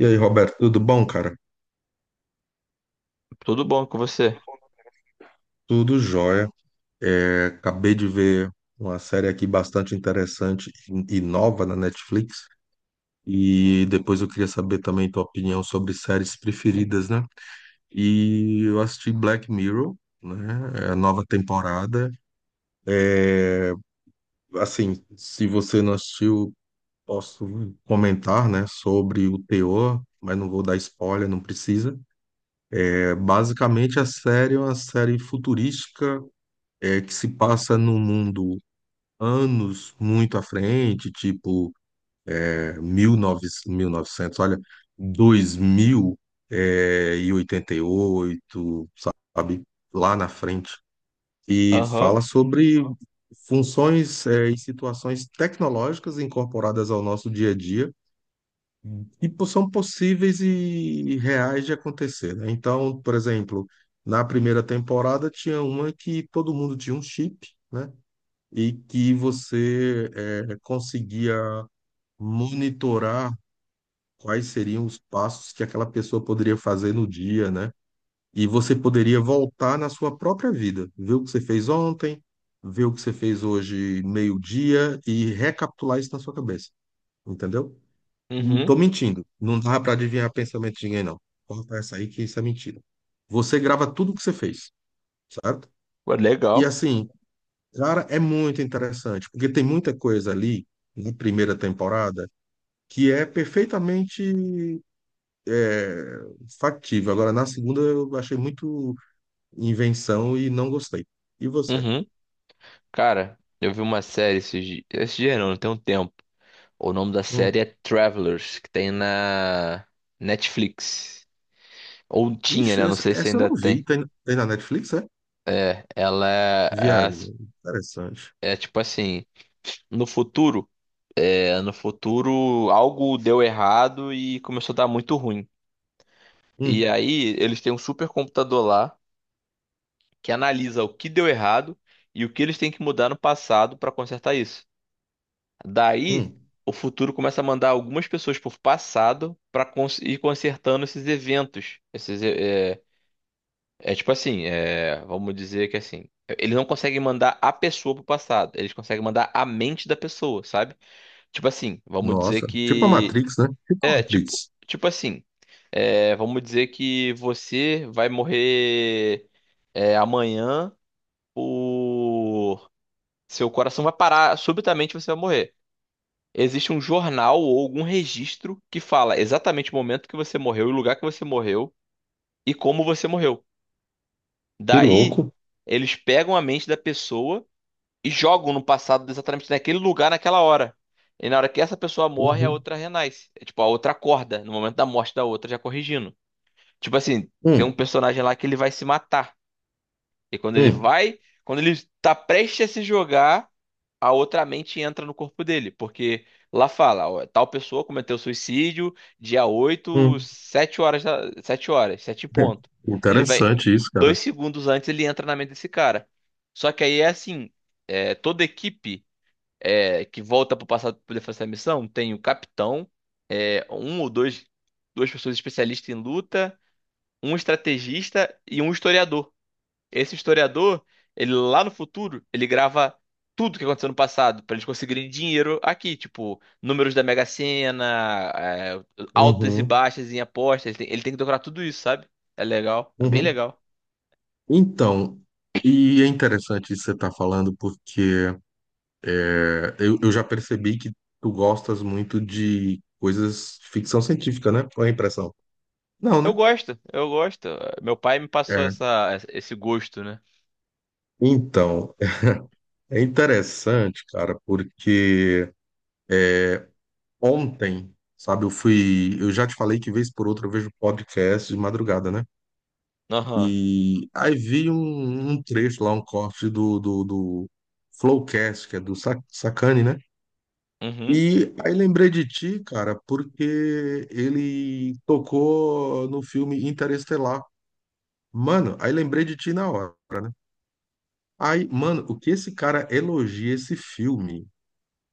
E aí, Roberto, tudo bom, cara? Tudo bom com você? Tudo jóia. Acabei de ver uma série aqui bastante interessante e nova na Netflix. E depois eu queria saber também tua opinião sobre séries preferidas, né? E eu assisti Black Mirror, né? É a nova temporada. É, assim, se você não assistiu, posso comentar, né, sobre o teor, mas não vou dar spoiler, não precisa. Basicamente, a série é uma série futurística que se passa num mundo anos muito à frente, tipo 1900, novecentos, mil e novecentos, olha, 2000 e 88, sabe, lá na frente. E Aham. fala sobre funções, e situações tecnológicas incorporadas ao nosso dia a dia que são possíveis e reais de acontecer, né? Então, por exemplo, na primeira temporada tinha uma que todo mundo tinha um chip, né? E que você conseguia monitorar quais seriam os passos que aquela pessoa poderia fazer no dia, né? E você poderia voltar na sua própria vida, ver o que você fez ontem, ver o que você fez hoje meio-dia e recapitular isso na sua cabeça, entendeu? Não Uhum. tô mentindo, não dá para adivinhar pensamento de ninguém, não. Corta essa aí que isso é mentira. Você grava tudo o que você fez, certo? Ué, E legal. assim, cara, é muito interessante, porque tem muita coisa ali na primeira temporada que é perfeitamente é, factível. Agora, na segunda, eu achei muito invenção e não gostei. E você? Uhum. Cara, eu vi uma série esses dias. Esse dia não, tem um tempo. O nome da série Hum. é Travelers, que tem na Netflix. Ou tinha, Ixi, né? Não sei se essa eu ainda não vi. tem. Tem na Netflix, é? É, ela é, é, as- Viagem. Interessante. É tipo assim, no futuro, no futuro algo deu errado e começou a dar muito ruim. E Hum. aí eles têm um super computador lá, que analisa o que deu errado e o que eles têm que mudar no passado para consertar isso. Daí, Hum. o futuro começa a mandar algumas pessoas por passado para ir consertando esses eventos. É tipo assim, vamos dizer que assim. Eles não conseguem mandar a pessoa pro passado, eles conseguem mandar a mente da pessoa, sabe? Tipo assim, vamos dizer Nossa, tipo a que. Matrix, né? Tipo a É, tipo, Matrix. tipo assim. Vamos dizer que você vai morrer, amanhã. Por Seu coração vai parar, subitamente você vai morrer. Existe um jornal ou algum registro que fala exatamente o momento que você morreu, o lugar que você morreu e como você morreu. Que Daí, louco. eles pegam a mente da pessoa e jogam no passado exatamente naquele lugar, naquela hora. E na hora que essa pessoa morre, a Uhum. outra renasce. É tipo, a outra acorda no momento da morte da outra, já corrigindo. Tipo assim, tem um Hum. personagem lá que ele vai se matar. E quando ele Hum. vai, quando ele tá prestes a se jogar, a outra mente entra no corpo dele, porque lá fala, ó, tal pessoa cometeu suicídio dia oito Hum. 7 horas, 7 horas, 7 em É. ponto. Ele vai, Interessante isso, cara. dois segundos antes ele entra na mente desse cara. Só que aí é assim, toda equipe, que volta pro passado para poder fazer essa missão, tem o capitão, um ou dois, duas pessoas especialistas em luta, um estrategista e um historiador. Esse historiador, ele lá no futuro, ele grava tudo que aconteceu no passado pra eles conseguirem dinheiro aqui, tipo, números da Mega Sena, altas e Uhum. baixas em apostas, ele tem que decorar tudo isso, sabe? É legal, é bem Uhum. legal. Então, e é interessante você estar falando, porque eu já percebi que tu gostas muito de coisas ficção científica, né? Qual é a impressão? Não, né? Eu gosto. Meu pai me passou É. Esse gosto, né? Então, é interessante, cara, porque ontem, sabe, eu fui. Eu já te falei que vez por outra eu vejo podcast de madrugada, né? Aham. E aí vi um trecho lá, um corte do Flowcast, que é do Sacani, né? Uhum. E aí lembrei de ti, cara, porque ele tocou no filme Interestelar. Mano, aí lembrei de ti na hora, né? Aí, mano, o que esse cara elogia esse filme,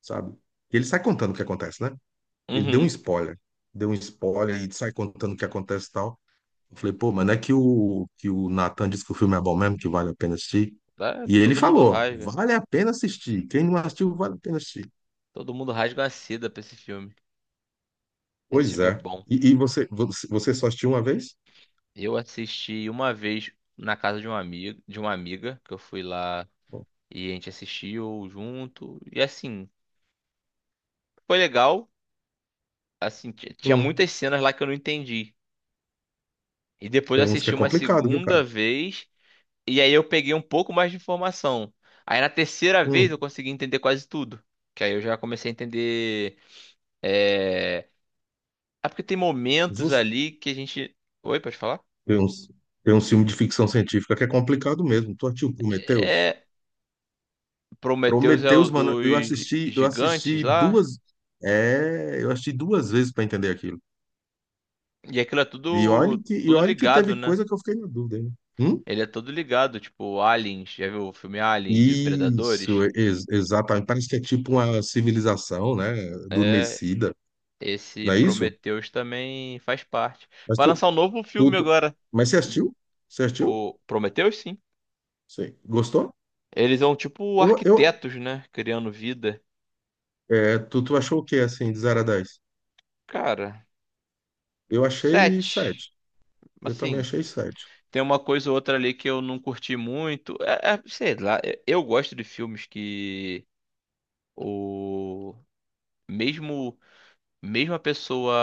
sabe? Ele sai contando o que acontece, né? Ele deu um Uhum. spoiler. Deu um spoiler e sai contando o que acontece e tal. Eu falei, pô, mano, é que que o Nathan disse que o filme é bom mesmo, que vale a pena assistir. Ah, E ele todo mundo falou, rasga. vale a pena assistir. Quem não assistiu, vale a pena assistir. Todo mundo rasga uma seda pra esse filme. Esse Pois filme é é. bom. E você, você só assistiu uma vez? Eu assisti uma vez na casa de um amigo, de uma amiga, que eu fui lá, e a gente assistiu junto. E assim, foi legal. Assim, tinha Hum. muitas cenas lá que eu não entendi. E depois eu Tem uns que assisti é uma complicado, viu, cara? segunda vez. E aí eu peguei um pouco mais de informação. Aí na terceira vez Hum. eu consegui entender quase tudo. Que aí eu já comecei a entender. É, é porque tem momentos Zus. ali que a gente. Oi, pode falar? Tem uns, tem um filme de ficção científica que é complicado mesmo. Tu assistiu Prometheus? É. Prometheus é o Prometheus, mano, dos eu gigantes assisti lá. duas, eu assisti duas vezes pra entender aquilo. E aquilo é tudo, E tudo olha que ligado, teve né? coisa que eu fiquei na dúvida, hein? Hum? Ele é todo ligado, tipo, Aliens, já viu o filme Aliens e Isso, Predadores? Exatamente. Parece que é tipo uma civilização, né? É, Adormecida, esse não é isso? Prometheus também faz parte. Mas Vai lançar um novo tu, filme tu- agora, mas você assistiu? Você assistiu? o Prometheus, sim. Sim. Gostou? Eles são tipo Eu, eu, arquitetos, né? Criando vida. É, tu achou o que, assim, de 0 a dez. Cara, Eu achei sete. sete. Eu também Assim, achei sete. tem uma coisa ou outra ali que eu não curti muito. Sei lá, eu gosto de filmes que o mesmo mesmo a pessoa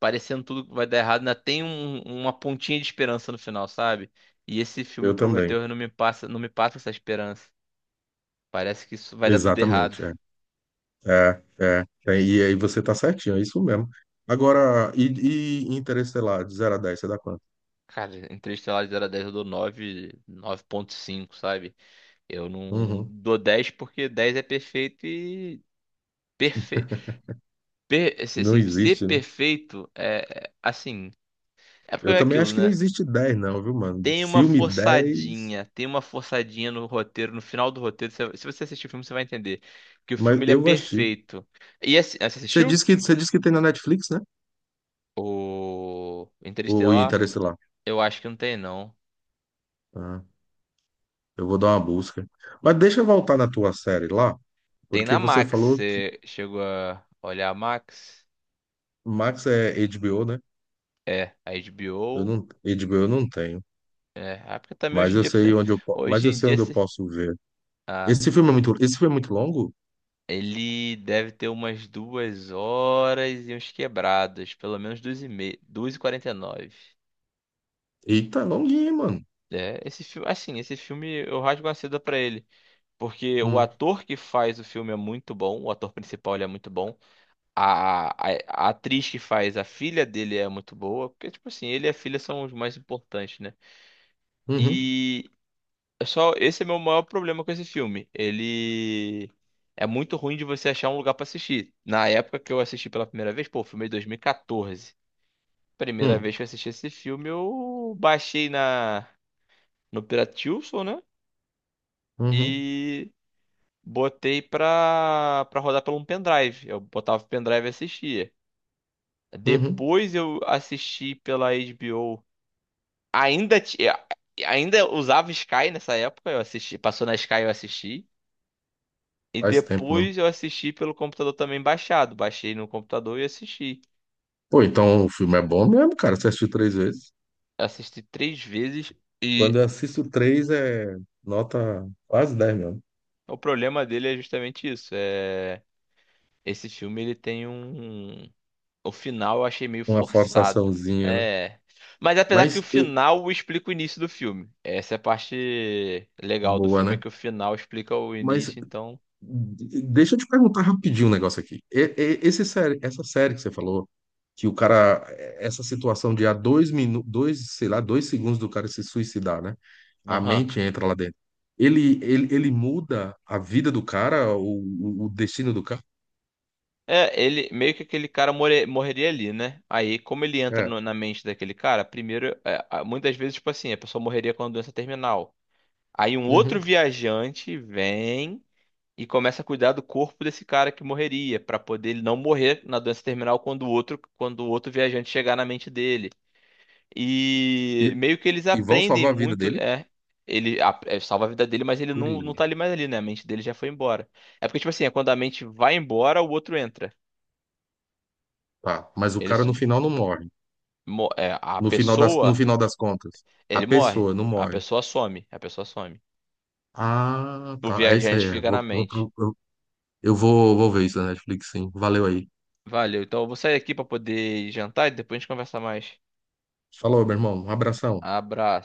parecendo tudo que vai dar errado, ainda tem uma pontinha de esperança no final, sabe? E esse filme Eu também. Prometeu não me passa, não me passa essa esperança. Parece que isso vai dar tudo errado. Exatamente, é. E aí você tá certinho, é isso mesmo. Agora, e Interestelar, de 0 a 10 você dá quanto? Cara, Interestelar de 0 a 10 eu dou 9, 9,5, sabe? Eu não Uhum. dou 10 porque 10 é perfeito e perfe... Não assim, ser existe, né? perfeito é assim, é porque Eu é também aquilo, acho que não né? existe 10 não, viu, mano? Filme dez, Tem uma forçadinha no roteiro, no final do roteiro. Se você assistir o filme, você vai entender. Que o mas filme ele é eu vou assistir. perfeito. Você assistiu? Você disse que tem na Netflix, né? O O Interestelar? Interestelar. Eu acho que não tem, não. Ah, eu vou dar uma busca. Mas deixa eu voltar na tua série lá, Tem porque na você Max. falou, Você chegou a olhar a Max? Max é HBO, né? É, a Eu HBO. não, eu digo, eu não tenho, Porque também hoje mas em eu dia. sei onde mas Hoje eu em sei dia. onde eu posso ver. Ah, Esse filme é muito, esse filme é muito longo? ele deve ter umas duas horas e uns quebrados. Pelo menos duas e meia. Duas e quarenta e nove. Eita, é longuinho, mano. É, esse filme, assim, esse filme eu rasgo a seda pra ele, porque o Hum, ator que faz o filme é muito bom, o ator principal ele é muito bom, a atriz que faz a filha dele é muito boa, porque tipo assim, ele e a filha são os mais importantes, né? uhum, E é só esse é meu maior problema com esse filme, ele é muito ruim de você achar um lugar pra assistir. Na época que eu assisti pela primeira vez, pô, o filme é de 2014. Primeira hum, vez que eu assisti esse filme, eu baixei na no Piratilson, né? uhum, E botei pra rodar pelo um pendrive. Eu botava o pendrive e assistia. uhum. Depois eu assisti pela HBO. Ainda, ainda usava Sky nessa época, eu assisti, passou na Sky eu assisti. E Faz tempo mesmo. depois eu assisti pelo computador também baixado. Baixei no computador e assisti. Pô, então o filme é bom mesmo, cara. Você assistiu três vezes? Assisti três vezes e Quando eu assisto três, é nota quase dez, mesmo. o problema dele é justamente isso. É... esse filme ele tem um. O final eu achei meio Uma forçado. forçaçãozinha, né? É. Mas apesar que o Mas, eu- final explica o início do filme. Essa é a parte legal do boa, filme, é né? que o final explica o Mas início, então. Deixa eu te perguntar rapidinho um negócio aqui. Esse série, essa série que você falou. Que o cara, essa situação de há dois minutos, dois, sei lá, dois segundos do cara se suicidar, né? A Aham. mente entra lá dentro. Ele muda a vida do cara, o destino do cara. É, ele meio que aquele cara morreria ali, né? Aí, como ele entra É. Na mente daquele cara, primeiro, muitas vezes, tipo assim, a pessoa morreria com a doença terminal. Aí um outro Uhum. viajante vem e começa a cuidar do corpo desse cara que morreria, pra poder ele não morrer na doença terminal quando o outro viajante chegar na mente dele. E E, meio que eles e vão aprendem salvar a vida muito, dele? é. É, salva a vida dele, mas ele não, Ele- não tá ali mais ali, né? A mente dele já foi embora. É porque, tipo assim, é quando a mente vai embora, o outro entra. tá. Mas o Ele cara no sub, final não morre. É, a No pessoa, final das contas, a ele morre. pessoa não A morre. pessoa some. A pessoa some. Ah, O tá. É isso aí. viajante É. fica na Vou, vou, mente. pro- eu vou ver isso na Netflix, sim. Valeu aí. Valeu. Então eu vou sair aqui pra poder jantar e depois a gente conversa mais. Falou, meu irmão. Um abração. Abraço.